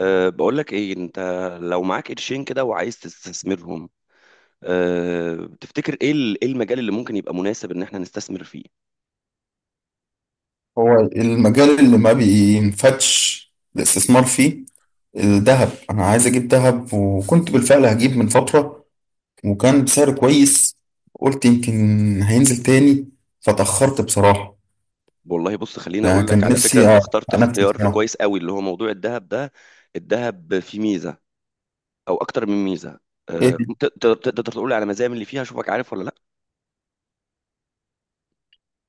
بقول لك ايه انت، لو معاك قرشين كده وعايز تستثمرهم؟ تفتكر ايه ايه المجال اللي ممكن يبقى مناسب ان احنا نستثمر فيه؟ هو المجال اللي ما بينفتش الاستثمار فيه. الذهب انا عايز اجيب ذهب، وكنت بالفعل هجيب من فترة وكان بسعر كويس. قلت يمكن هينزل تاني، فتأخرت بصراحة. والله بص، خليني يعني اقول لك كان على فكرة، نفسي انت اخترت انفذ اختيار بصراحة. كويس قوي، اللي هو موضوع الذهب ده. الذهب فيه ميزة او اكتر من ميزة. ايه تقدر تقول لي على مزايا من اللي فيها اشوفك عارف ولا لا؟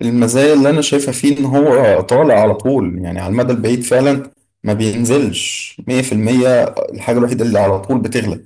المزايا اللي انا شايفها فيه؟ ان هو طالع على طول، يعني على المدى البعيد فعلا ما بينزلش 100%. الحاجة الوحيدة اللي على طول بتغلى.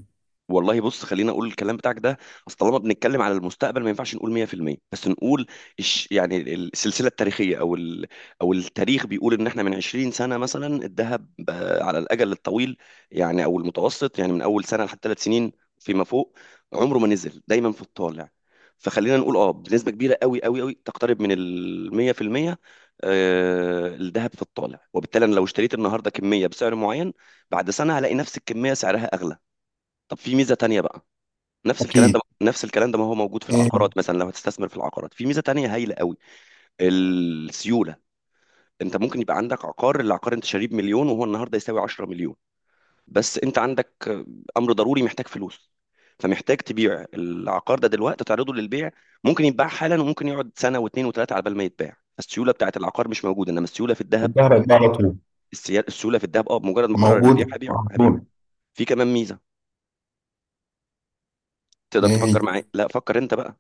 والله بص، خلينا اقول الكلام بتاعك ده. اصل طالما بنتكلم على المستقبل، ما ينفعش نقول 100%، بس نقول يعني السلسله التاريخيه، او التاريخ بيقول ان احنا من 20 سنه مثلا، الذهب، على الاجل الطويل، يعني او المتوسط، يعني من اول سنه لحد 3 سنين فيما فوق، عمره ما نزل، دايما في الطالع. فخلينا نقول اه، بنسبه كبيره قوي قوي قوي، تقترب من ال 100%. الذهب في الطالع، وبالتالي انا لو اشتريت النهارده كميه بسعر معين، بعد سنه هلاقي نفس الكميه سعرها اغلى. طب في ميزه تانية بقى. اكيد. نفس الكلام ده ما هو موجود في ايه. العقارات مثلا، لو هتستثمر في العقارات في ميزه تانية هايله قوي. السيوله. انت ممكن يبقى عندك العقار انت شاريه بمليون، وهو النهارده يساوي 10 مليون. بس انت عندك امر ضروري، محتاج فلوس، فمحتاج تبيع العقار ده دلوقتي، تعرضه للبيع. ممكن يتباع حالا، وممكن يقعد سنه واثنين وثلاثه على بال ما يتباع. السيوله بتاعت العقار مش موجوده، انما السيوله في الذهب. الذهب هيبقى على طول. السيوله في الذهب، اه، بمجرد ما قرر البيع موجودة هبيعه على هبيعه. طول. في كمان ميزه، ايه تقدر تفكر هي؟ معايا؟ لا، فكر انت بقى.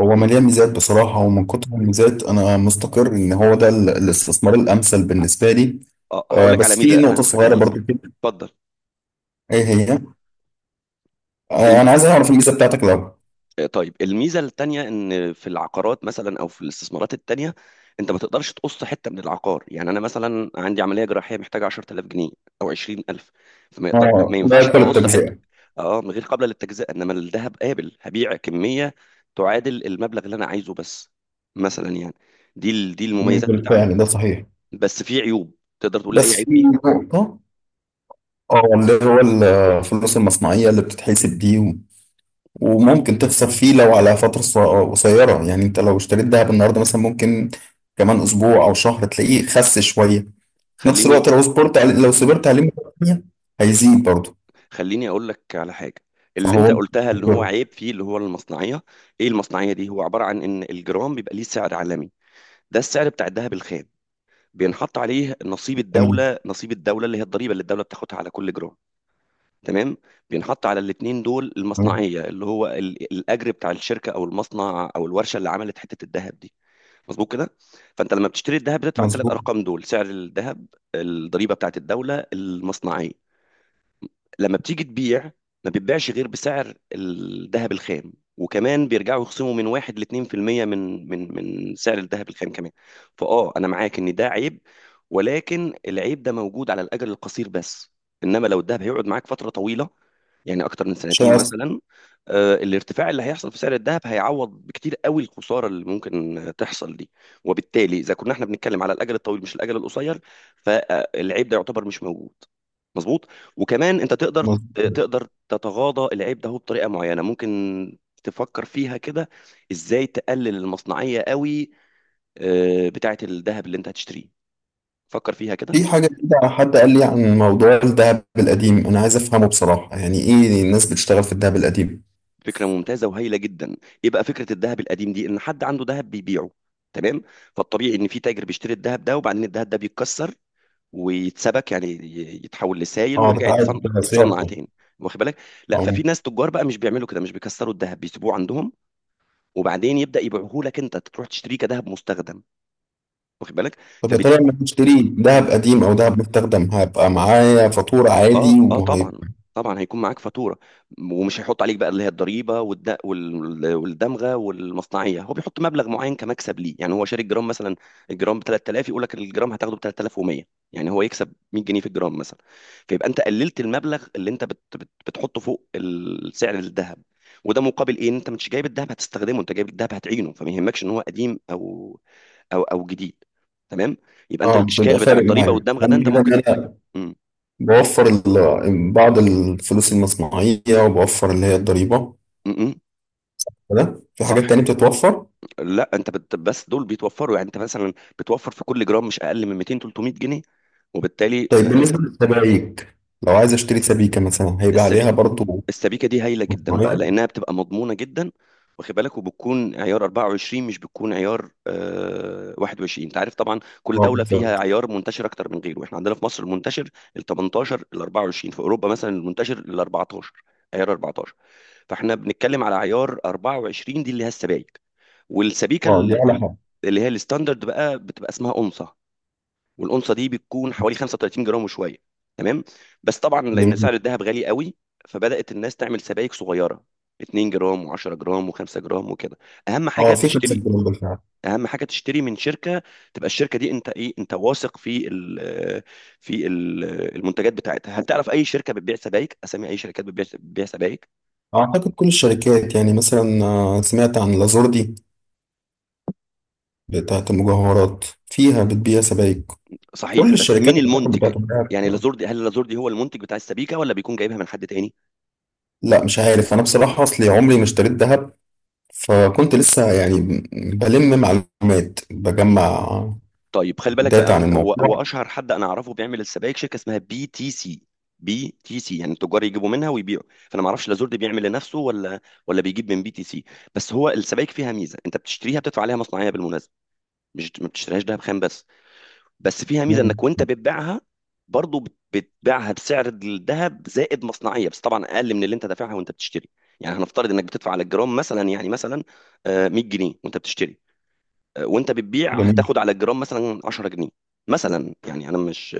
هو مليان ميزات بصراحة، ومن كتر الميزات أنا مستقر إن هو ده الاستثمار الأمثل بالنسبة لي. اه، هقول آه، لك على بس في ميزه، انا نقطة هقول لك على صغيرة ميزه. برضو كده. اتفضل. إيه هي؟ الم... آه، أنا عايز أعرف الميزة بتاعتك الأول. طيب، الميزه التانيه ان في العقارات مثلا او في الاستثمارات التانيه، انت ما تقدرش تقص حته من العقار. يعني انا مثلا عندي عمليه جراحيه محتاجه 10000 جنيه او 20000، ما آه، ما لا ينفعش يأكل اقص حته. التجزئة. اه، من غير قابله للتجزئه، انما الذهب قابل، هبيع كميه تعادل المبلغ اللي انا عايزه بس، مثلا يعني. دي مم، المميزات بتاعته. بالفعل ده صحيح. بس في عيوب، تقدر تقول لي اي بس عيب في فيه؟ نقطة، آه، اللي هو الفلوس المصنعية اللي بتتحسب دي وممكن تخسر فيه لو على فترة قصيرة، يعني أنت لو اشتريت دهب النهاردة مثلا ممكن كمان أسبوع أو شهر تلاقيه خس شوية. في نفس خليني الوقت لو صبرت عليه، مرة تانية هيزيد برضه. خليني اقول لك على حاجه. اللي انت فهو. قلتها اللي هو عيب فيه، اللي هو المصنعيه. ايه المصنعيه دي؟ هو عباره عن ان الجرام بيبقى ليه سعر عالمي، ده السعر بتاع الذهب الخام. بينحط عليه نصيب تمام. الدوله، نصيب الدوله اللي هي الضريبه، اللي الدوله بتاخدها على كل جرام. تمام. بينحط على الاتنين دول تمام. المصنعيه، اللي هو الاجر بتاع الشركه او المصنع او الورشه اللي عملت حته الذهب دي. مظبوط كده. فانت لما بتشتري الذهب، بتدفع الثلاث مظبوط. ارقام دول: سعر الذهب، الضريبه بتاعت الدوله، المصنعيه. لما بتيجي تبيع، ما بتبيعش غير بسعر الذهب الخام، وكمان بيرجعوا يخصموا من 1 لـ 2% من سعر الذهب الخام كمان. فاه، انا معاك ان ده عيب، ولكن العيب ده موجود على الاجل القصير بس. انما لو الذهب هيقعد معاك فتره طويله، يعني اكتر من سنتين شخص. مثلا، الارتفاع اللي هيحصل في سعر الذهب هيعوض بكتير قوي الخساره اللي ممكن تحصل دي. وبالتالي، اذا كنا احنا بنتكلم على الاجل الطويل مش الاجل القصير، فالعيب ده يعتبر مش موجود. مظبوط. وكمان انت تقدر، مظبوط. تقدر تتغاضى العيب ده. هو بطريقه معينه، ممكن تفكر فيها كده: ازاي تقلل المصنعيه قوي بتاعه الذهب اللي انت هتشتريه؟ فكر فيها كده. في حاجة كده، حد قال لي عن موضوع الذهب القديم، أنا عايز أفهمه بصراحة. يعني إيه الناس بتشتغل في الذهب القديم؟ فكره ممتازه وهايله جدا. ايه بقى فكره الذهب القديم دي؟ ان حد عنده ذهب بيبيعه، تمام؟ فالطبيعي ان في تاجر بيشتري الذهب ده، وبعدين الذهب ده بيتكسر ويتسبك، يعني يتحول لسائل، أه، ويرجع يتصنع، بتعاد صياغته. تاني. واخد بالك؟ لا، ففي أه. ناس تجار بقى مش بيعملوا كده، مش بيكسروا الذهب، بيسيبوه عندهم، وبعدين يبدا يبيعوه لك، انت تروح تشتريه كذهب مستخدم، واخد بالك؟ طب يا ترى لما أشتري ذهب قديم أو ذهب مستخدم هيبقى معايا فاتورة اه عادي، اه، طبعا، وهيبقى؟ طبعا هيكون معاك فاتوره، ومش هيحط عليك بقى اللي هي الضريبه والدمغه والمصنعيه. هو بيحط مبلغ معين كمكسب ليه. يعني هو شاري الجرام مثلا الجرام ب 3000، يقول لك الجرام هتاخده ب 3100. يعني هو يكسب 100 جنيه في الجرام مثلا. فيبقى انت قللت المبلغ اللي انت بتحطه فوق السعر الذهب. وده مقابل ايه؟ إن انت مش جايب الذهب هتستخدمه، انت جايب الذهب هتعينه، فما يهمكش ان هو قديم او جديد. تمام. يبقى انت أه، مش هيبقى الاشكال بتاع فارق الضريبه معايا. والدمغه ده أهم انت حاجة إن ممكن. أنا م- بوفر بعض الفلوس المصنعية، وبوفر اللي هي الضريبة. م- م. ده في صح. حاجات تانية بتتوفر. لا، انت بس دول بيتوفروا، يعني انت مثلا بتوفر في كل جرام مش اقل من 200 300 جنيه. وبالتالي طيب بالنسبة للسبائك، لو عايز اشتري سبيكة مثلا هيبقى السبي... عليها برضو السبيكه دي هايله جدا بقى، معايا؟ لانها بتبقى مضمونه جدا، واخد بالك؟ وبتكون عيار 24، مش بتكون عيار 21. انت عارف طبعا كل اه، دوله فيها بالظبط. عيار منتشر اكتر من غيره. احنا عندنا في مصر المنتشر ال 18، ال 24. في اوروبا مثلا المنتشر ال 14، عيار 14. فاحنا بنتكلم على عيار 24، دي اللي هي السبايك. والسبيكه اه دي على حاجة. اللي هي الستاندرد بقى بتبقى اسمها اونصه، والأونصة دي بتكون حوالي 35 جرام وشوية. تمام. بس طبعا لأن جميل. سعر الذهب غالي قوي، فبدأت الناس تعمل سبائك صغيرة: 2 جرام و10 جرام و5 جرام وكده. اهم حاجه اه، في خمسة تشتري جنيه بالفعل. اهم حاجه تشتري من شركه، تبقى الشركه دي انت ايه، انت واثق في ال المنتجات بتاعتها. هل تعرف اي شركه بتبيع سبائك؟ اسامي اي شركات بتبيع بتبيع سبائك؟ اعتقد كل الشركات، يعني مثلا آه، سمعت عن لازوردي بتاعت المجوهرات فيها بتبيع سبائك. صحيح، كل بس الشركات مين اعتقد المنتج؟ بتاعت الذهب. يعني لازور دي، هل لازور دي هو المنتج بتاع السبيكه، ولا بيكون جايبها من حد تاني؟ لا، مش عارف انا بصراحة، اصلي عمري ما اشتريت ذهب، فكنت لسه يعني بلم معلومات، بجمع طيب، خلي بالك داتا بقى. عن هو الموضوع. اشهر حد انا اعرفه بيعمل السبائك، شركه اسمها بي تي سي. بي تي سي يعني التجار يجيبوا منها ويبيعوا. فانا ما اعرفش، لا زرد بيعمل لنفسه، ولا بيجيب من بي تي سي. بس هو السبائك فيها ميزه، انت بتشتريها بتدفع عليها مصنعيه بالمناسبه، مش ما بتشتريهاش دهب خام بس. بس فيها ميزه، مم. انك وانت بتبيعها برضه، بتبيعها بسعر الذهب زائد مصنعيه، بس طبعا اقل من اللي انت دافعها وانت بتشتري. يعني هنفترض انك بتدفع على الجرام مثلا، يعني مثلا 100 جنيه وانت بتشتري، وانت بتبيع جميل. هتاخد على الجرام مثلا 10 جنيه، مثلا يعني، انا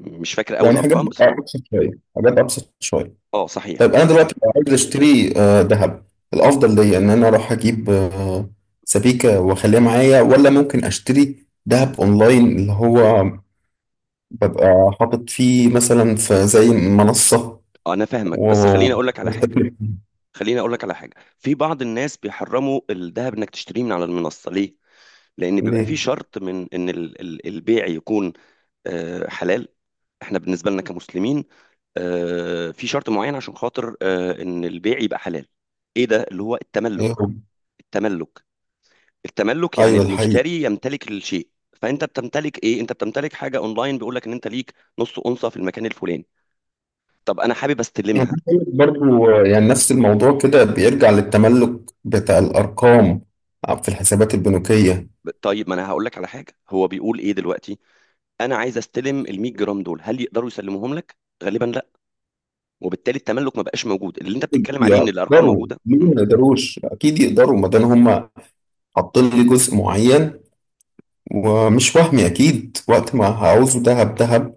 مش فاكر اول يعني حاجات ارقام بس. ابسط شويه، حاجات ابسط شويه. اه صحيح. طيب انا دلوقتي لو عايز اشتري آه، ذهب، الافضل ليا ان انا اروح اجيب آه، سبيكه واخليها معايا، ولا ممكن اشتري ذهب اونلاين اللي هو ببقى حاطط فيه مثلا في زي منصه انا فاهمك، و بس بستثمر فيه؟ خليني اقول لك على حاجه. في بعض الناس بيحرموا الذهب انك تشتريه من على المنصه. ليه؟ لان بيبقى في ليه؟ شرط من ان البيع يكون حلال. احنا بالنسبه لنا كمسلمين، في شرط معين عشان خاطر ان البيع يبقى حلال. ايه ده؟ اللي هو التملك. ايه هو؟ التملك التملك يعني ايوه ده حقيقي. المشتري يمتلك الشيء. فانت بتمتلك ايه؟ انت بتمتلك حاجه اونلاين، بيقول لك ان انت ليك نص اونصه في المكان الفلاني. طب انا حابب يعني استلمها. عايز أقول لك برضو آه، يعني نفس الموضوع كده بيرجع للتملك بتاع الارقام في الحسابات البنوكيه. طيب، ما انا هقول لك على حاجه. هو بيقول ايه دلوقتي؟ انا عايز استلم ال 100 جرام دول، هل يقدروا يسلموهم لك؟ غالبا لا. وبالتالي التملك ما بقاش موجود، اللي انت بتتكلم عليه ان الارقام يقدروا، موجوده. ليه ما يقدروش؟ اكيد يقدروا ما دام هم حاطين لي جزء معين ومش وهمي، اكيد وقت ما هعوزه دهب دهب،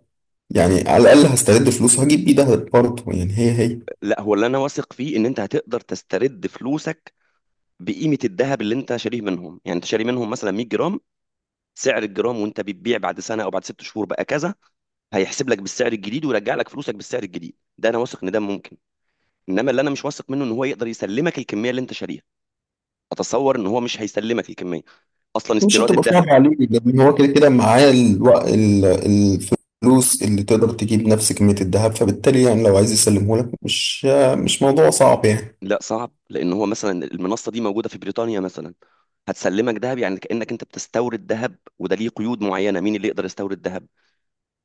يعني على الاقل هسترد فلوس هجيب بيه دهب برضه، يعني هي هي. لا، هو اللي انا واثق فيه ان انت هتقدر تسترد فلوسك بقيمه الذهب اللي انت شاريه منهم. يعني انت شاري منهم مثلا 100 جرام، سعر الجرام، وانت بتبيع بعد سنه او بعد 6 شهور بقى كذا، هيحسب لك بالسعر الجديد، ويرجع لك فلوسك بالسعر الجديد. ده انا واثق ان ده ممكن. انما اللي انا مش واثق منه، ان هو يقدر يسلمك الكميه اللي انت شاريها. اتصور ان هو مش هيسلمك الكميه، اصلا مش استيراد هتبقى الذهب. صعبة عليه، لان هو كده كده معاه الفلوس اللي تقدر تجيب نفس كمية الدهب، فبالتالي يعني لو عايز يسلمه لك مش موضوع صعب يعني. لا، صعب، لان هو مثلا المنصه دي موجوده في بريطانيا مثلا، هتسلمك ذهب، يعني كانك انت بتستورد ذهب، وده ليه قيود معينه. مين اللي يقدر يستورد ذهب؟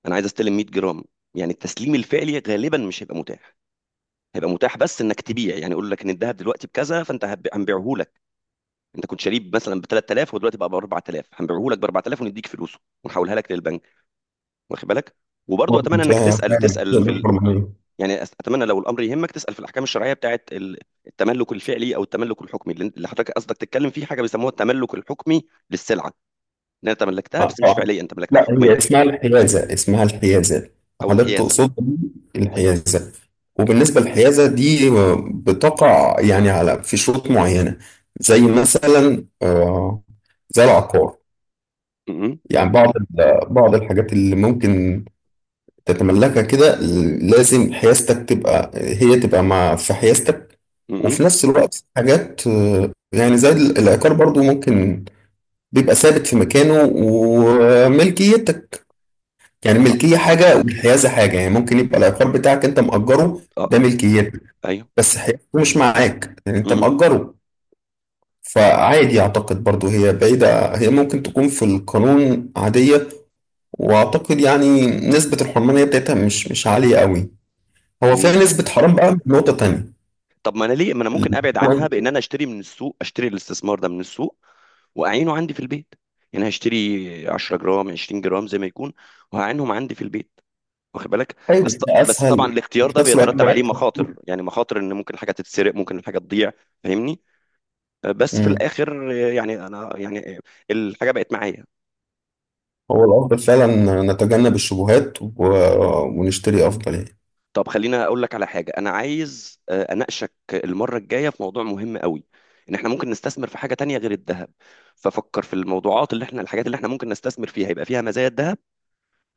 انا عايز استلم 100 جرام. يعني التسليم الفعلي غالبا مش هيبقى متاح، هيبقى متاح بس انك تبيع. يعني يقول لك ان الذهب دلوقتي بكذا، فانت هنبيعه لك. انت كنت شاريه مثلا ب 3000، ودلوقتي بقى ب 4000، هنبيعه لك ب 4000، ونديك فلوسه ونحولها لك للبنك، واخد بالك؟ وبرضه اتمنى انك ممكن تسال تسال في فعلا. يعني، اتمنى لو الامر يهمك تسال في الاحكام الشرعيه بتاعت التملك الفعلي او التملك الحكمي، اللي حضرتك قصدك تتكلم فيه. حاجه بيسموها التملك الحكمي للسلعه، ان انت تملكتها آه، بس مش آه. فعليا، انت ملكتها لا، هي حكميا اسمها الحيازة، اسمها الحيازة. او حضرتك الحيازه. تقصد الحيازة. وبالنسبة للحيازة دي آه، بتقع يعني على في شروط معينة، زي مثلا آه، زي العقار. م- م- يعني بعض بعض الحاجات اللي ممكن تتملكها كده، لازم حيازتك تبقى، هي تبقى مع في حيازتك. م- وفي م. نفس الوقت حاجات آه، يعني زي العقار برضو ممكن بيبقى ثابت في مكانه وملكيتك. يعني الملكية حاجة والحيازة حاجة، يعني ممكن يبقى العقار بتاعك أنت مأجره، اه ده اه، ملكيتك ايوه. بس حيازته مش معاك لأن أنت م- مأجره. فعادي أعتقد برضو هي بعيدة، هي ممكن تكون في القانون عادية، وأعتقد يعني نسبة الحرمانية بتاعتها مش عالية قوي. هو فيها م- نسبة حرام بقى من نقطة تانية. طب، ما انا ليه، ما انا اللي ممكن ابعد عنها هو- بان انا اشتري الاستثمار ده من السوق، واعينه عندي في البيت. يعني هشتري 10 جرام 20 جرام زي ما يكون، وهعينهم عندي في البيت، واخد بالك؟ أيوة ده بس طبعا أسهل. الاختيار وفي ده نفس الوقت بيترتب عليه مريح. مخاطر، يعني مخاطر ان ممكن حاجه تتسرق، ممكن الحاجه تضيع. فاهمني؟ بس في مم. الاخر يعني انا يعني الحاجه بقت معايا. هو الأفضل فعلا نتجنب الشبهات ونشتري أفضل يعني. طب خلينا اقول لك على حاجه، انا عايز اناقشك المره الجايه في موضوع مهم قوي، ان احنا ممكن نستثمر في حاجه تانية غير الذهب. ففكر في الموضوعات اللي احنا الحاجات اللي احنا ممكن نستثمر فيها يبقى فيها مزايا الذهب،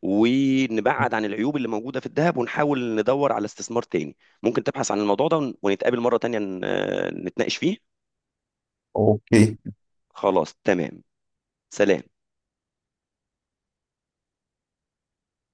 ونبعد عن العيوب اللي موجوده في الذهب، ونحاول ندور على استثمار تاني. ممكن تبحث عن الموضوع ده، ونتقابل مره تانية نتناقش فيه. أوكي. خلاص، تمام. سلام.